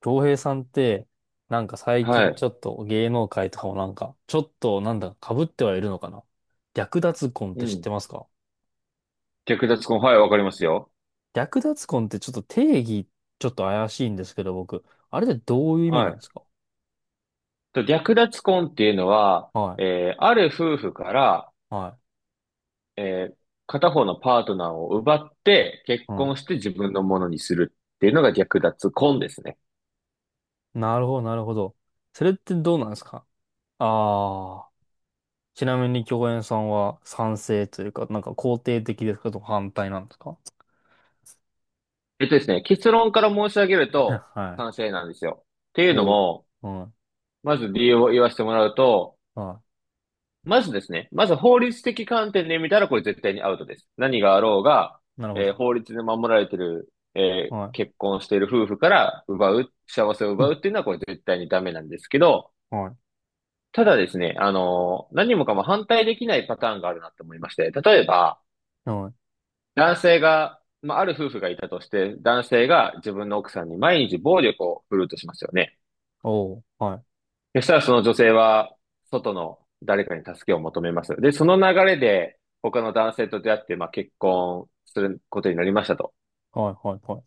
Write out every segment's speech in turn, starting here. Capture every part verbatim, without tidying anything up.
京平さんって、なんか最は近ちい。ょっと芸能界とかもなんか、ちょっとなんだ、被ってはいるのかな。略奪婚っうて知っん。てますか？略奪婚。はい、わかりますよ。略奪婚ってちょっと定義、ちょっと怪しいんですけど、僕。あれってどういう意味なはんい。ですか？と略奪婚っていうのは、はい、えー、ある夫婦から、はえー、片方のパートナーを奪って結い、は婚して自分のものにするっていうのが略奪婚ですね。い。なるほど、なるほど。それってどうなんですか？ああー、ちなみに共演さんは賛成というか、なんか肯定的ですかと反対なんですか？ えっとですね、結論から申し上げると はい。賛成なんですよ。っていうのおも、う、はまず理由を言わせてもらうと、い、はまずですね、まず法律的観点で見たらこれ絶対にアウトです。何があろうが、い。なるほど。えー法律で守られてる、えーは結婚している夫婦から奪う、幸せをい。う奪ん、うっていうのはこれ絶対にダメなんですけど、はい。ただですね、あのー何もかも反対できないパターンがあるなと思いまして、例えば、はい、男性が、まあ、ある夫婦がいたとして、男性が自分の奥さんに毎日暴力を振るうとしますよね。おお、はい。そしたらその女性は、外の誰かに助けを求めます。で、その流れで、他の男性と出会って、まあ結婚することになりましたと。はいはいはい。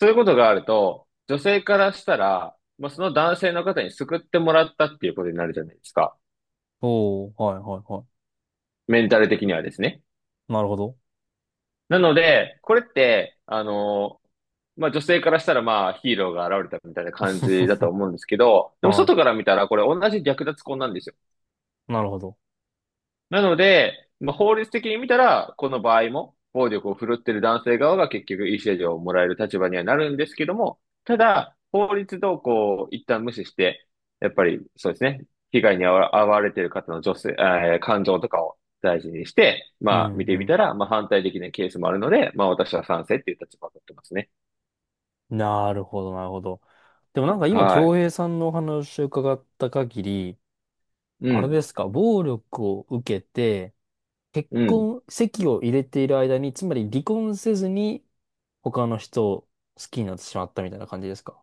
そういうことがあると、女性からしたら、まあその男性の方に救ってもらったっていうことになるじゃないですか。おお、はいはいはメンタル的にはですね。い。なるほど。なので、これって、あの、まあ女性からしたらまあヒーローが現れたみたいな感じだと 思うんですけど、でもはい。外から見たらこれ同じ略奪婚なんですよ。なるほど。なので、まあ、法律的に見たら、この場合も、暴力を振るってる男性側が結局、いい制度をもらえる立場にはなるんですけども、ただ、法律動向を一旦無視して、やっぱり、そうですね、被害に遭わわれている方の女性、えー感情とかを大事にして、うまあ、見んてみうたら、まあ、反対できないケースもあるので、まあ、私は賛成っていう立場を取ってますね。ん。なるほど、なるほど。でもなんか今、は京い。平さんのお話を伺った限り、うあれん。ですか、暴力を受けて、結うん。婚、籍を入れている間に、つまり離婚せずに他の人を好きになってしまったみたいな感じですか？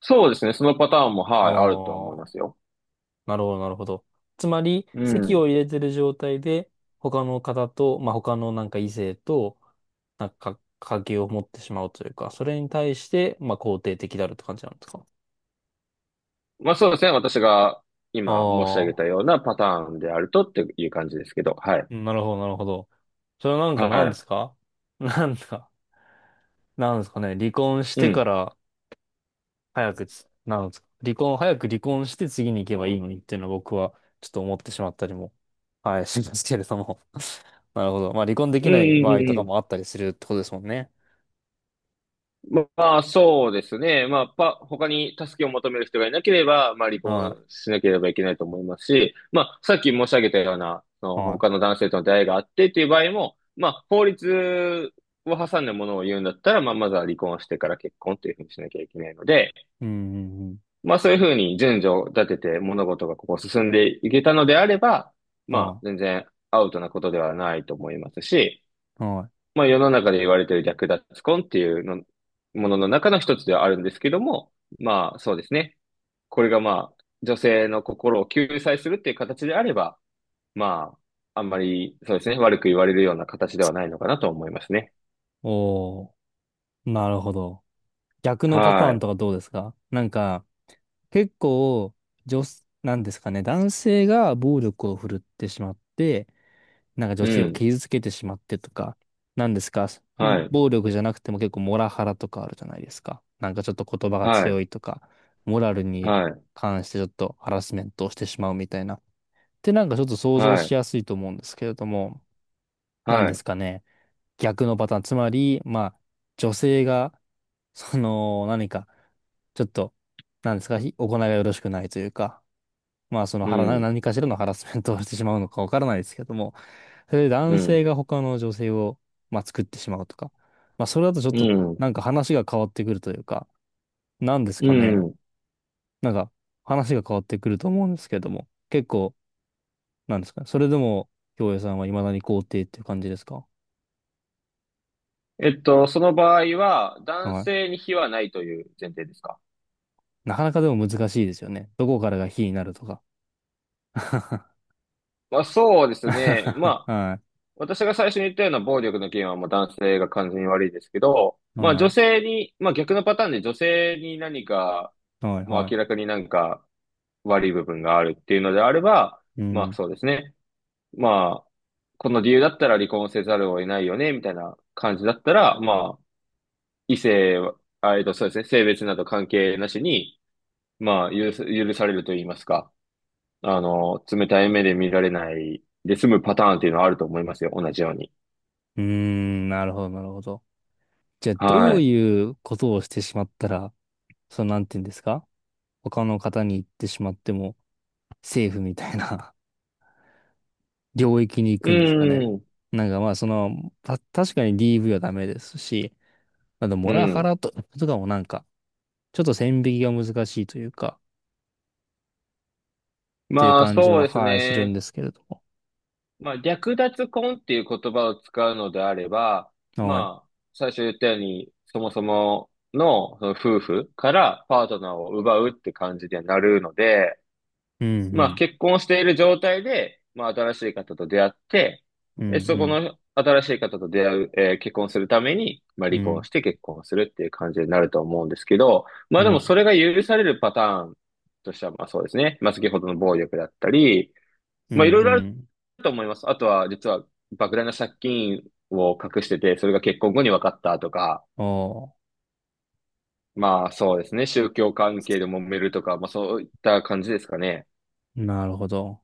そうですね、そのパターンも、あはい、あるとは思いあまー、すよ。なるほど、なるほど。つまり、う籍ん。を入れてる状態で、他の方と、まあ、他のなんか異性と、なんか、関係を持ってしまうというか、それに対して、まあ、肯定的であるって感じなんですか？まあそうですね。私が今申し上げあたあ、ようなパターンであるとっていう感じですけど。はい。なるほど、なるほど。それはなんか何ではすか？ なんか、なんですかね。離婚しい。うてかん。ら早くつ、なんですか。離婚、早く離婚して次に行けばいいのにっていうのは僕はちょっと思ってしまったりも、はい、しますけれども。なるほど。まあ離婚でうきんないうん場う合とんうかん。もあったりするってことですもんね。ままあそうですね。まあパ、他に助けを求める人がいなければ、まあ離はい。婚しなければいけないと思いますし、まあさっき申し上げたような、そのは他い。の男性との出会いがあってっていう場合も、まあ法律を挟んだものを言うんだったら、まあまずは離婚をしてから結婚っていうふうにしなきゃいけないので、うん、うん、まあそういうふうに順序を立てて物事がここ進んでいけたのであれば、うん。まあは全然アウトなことではないと思いますし、い。はい。まあ世の中で言われている略奪婚っていうのものの中の一つではあるんですけども、まあそうですね。これがまあ女性の心を救済するっていう形であれば、まああんまりそうですね、悪く言われるような形ではないのかなと思いますね。おー。なるほど。逆のパターンはとかどうですか？なんか、結構、女す、なんですかね、男性が暴力を振るってしまって、なんか女い。う性をん。傷つけてしまってとか、なんですか、はい。暴力じゃなくても結構モラハラとかあるじゃないですか。なんかちょっと言葉がはい。強いとか、モラルにはい。関してちょっとハラスメントをしてしまうみたいな。ってなんかちょっと想像はしい。やすいと思うんですけれども、なんはでい。すかね、逆のパターン。つまり、まあ、女性が、その、何か、ちょっと、なんですか、ひ行いがよろしくないというか、まあそのうハラなん。何かしらのハラスメントをしてしまうのかわからないですけども、それでう男ん。性が他の女性を、まあ、作ってしまうとか、まあそれだとちょっとうん。なんか話が変わってくるというか、なんですうかね。ん。なんか話が変わってくると思うんですけども、結構、なんですかね。それでも、京平さんは未だに肯定っていう感じですか？えっと、その場合は、男はい。性に非はないという前提ですか？なかなかでも難しいですよね。どこからが非になるとか。まあ、そうですね。まあ、は私が最初に言ったような暴力の件は、まあ、男性が完全に悪いですけど、い。まあ、女は性に、まあ、逆のパターンで女性に何か、い。はい。まあ、は明らい。かになんか悪い部分があるっていうのであれば、うまあ、ん。そうですね。まあ、この理由だったら離婚せざるを得ないよね、みたいな感じだったら、まあ、異性は、あえっと、そうですね。性別など関係なしに、まあ、許す許されると言いますか。あの、冷たい目で見られないで済むパターンっていうのはあると思いますよ。同じように。うーん。なるほど、なるほど。じゃあ、どはうい。いうことをしてしまったら、その、なんていうんですか？他の方に行ってしまっても、セーフみたいな 領域に行うくんですかね。ん。なんかまあ、その、た、確かに ディーブイ はダメですし、あと、モうラハん。ラと、とかもなんか、ちょっと線引きが難しいというか、っていうまあ、感じそうは、ですはい、するんね。ですけれども。まあ、略奪婚っていう言葉を使うのであれば、はい。まあ、最初言ったように、そもそもの、その夫婦からパートナーを奪うって感じにはなるので、うんうまあ、ん、結婚している状態で、まあ、新しい方と出会って、うんうで、そこん、の新しい方と出会う、えー結婚するために、まあ、う離婚ん、して結婚するっていう感じになると思うんですけど、まうあ、でもん、それが許されるパターンとしては、まあ、そうですね。まあ、先ほどの暴力だったり、うん、まあ、いろいうろあるん。と思います。あとは、実は、莫大な借金を隠してて、それが結婚後に分かったとか、おまあ、そうですね。宗教関係で揉めるとか、まあ、そういった感じですかね。ー、なるほど。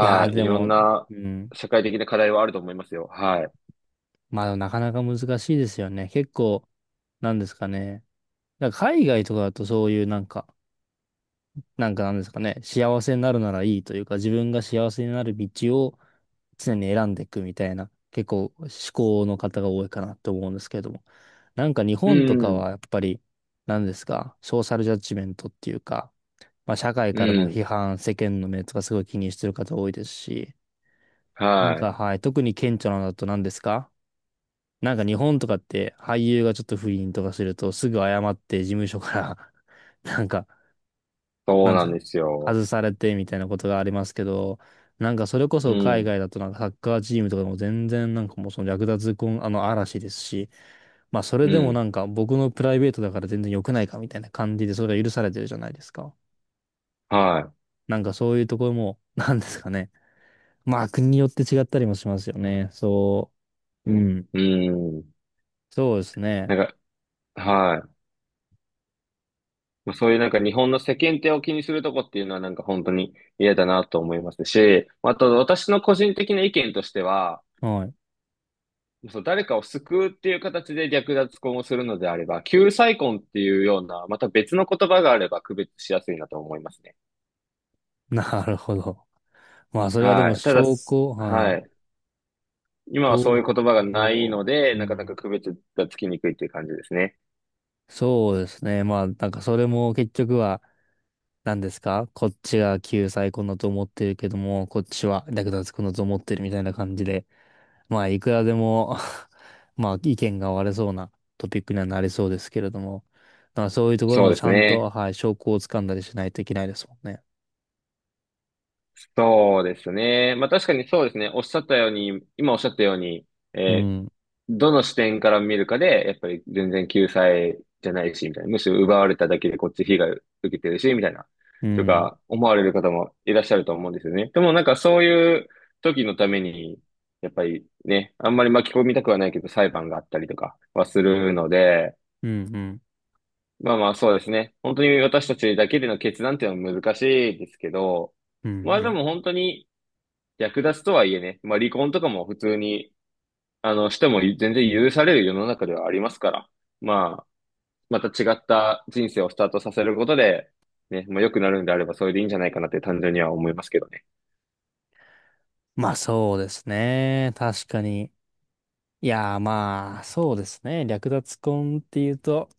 いやー、い。いでろんも、なうん。社会的な課題はあると思いますよ。はい。まあ、なかなか難しいですよね。結構、なんですかね。だから海外とかだとそういうなんか、なんかなんですかね、幸せになるならいいというか、自分が幸せになる道を常に選んでいくみたいな、結構思考の方が多いかなと思うんですけれども。なんか日う本とかん。はやっぱり、なんですか、ソーシャルジャッジメントっていうか、まあ社会うからのん。批判、世間の目とかすごい気にしてる方多いですし、なんはかい。はい、特に顕著なのだと何ですか？なんか日本とかって俳優がちょっと不倫とかするとすぐ謝って事務所から なんか、そうなんなて、んですよ。外されてみたいなことがありますけど、なんかそれこうそ海ん。外だとなんかサッカーチームとかでも全然なんかもうその略奪婚、あの嵐ですし、まあそれうでもん。なんか僕のプライベートだから全然良くないかみたいな感じでそれが許されてるじゃないですか。はなんかそういうところも、なんですかね。まあ国によって違ったりもしますよね。そう。うん。い。うん。そうですね。なんか、はい。まあそういうなんか日本の世間体を気にするとこっていうのはなんか本当に嫌だなと思いますし、まあと私の個人的な意見としては、はい。そう、誰かを救うっていう形で略奪婚をするのであれば、救済婚っていうような、また別の言葉があれば区別しやすいなと思いますね。なるほど。まあ、それはではもい。ただ、証す拠、ははい。い。今はそういうど言葉がないう、ので、うなかなかん。区別がつきにくいっていう感じですね。そうですね。まあ、なんかそれも結局は、何ですか、こっちが救済こんだと思ってるけども、こっちは略奪こんだと思ってるみたいな感じで、まあ、いくらでも まあ、意見が割れそうなトピックにはなりそうですけれども、だからそういうところそもうでちすゃんね。と、はい、証拠をつかんだりしないといけないですもんね。そうですね。まあ確かにそうですね。おっしゃったように、今おっしゃったように、うえーん、どの視点から見るかで、やっぱり全然救済じゃないし、みたいな。むしろ奪われただけでこっち被害を受けてるし、みたいな。うとん、か、思われる方もいらっしゃると思うんですよね。でもなんかそういう時のために、やっぱりね、あんまり巻き込みたくはないけど裁判があったりとかはするので、うん、うん、まあまあそうですね。本当に私たちだけでの決断っていうのは難しいですけど、うん、まあうでん。も本当に略奪とはいえね、まあ離婚とかも普通に、あの、しても全然許される世の中ではありますから、まあ、また違った人生をスタートさせることで、ね、まあ良くなるんであればそれでいいんじゃないかなって単純には思いますけどね。まあ、そうですね。確かに。いやーまあ、そうですね。略奪婚っていうと、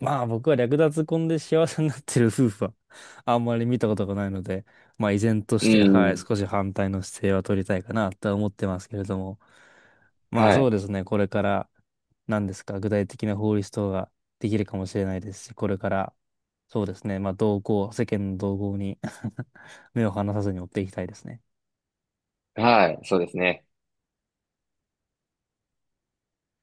まあ僕は略奪婚で幸せになってる夫婦は あんまり見たことがないので、まあ依然としうて、はい、ん。少し反対の姿勢は取りたいかなとは思ってますけれども。まあはそうい。ですね。これから、何ですか、具体的な法律等ができるかもしれないですし、これから、そうですね。まあ同行、世間の動向に 目を離さずに追っていきたいですね。はい。そうですね。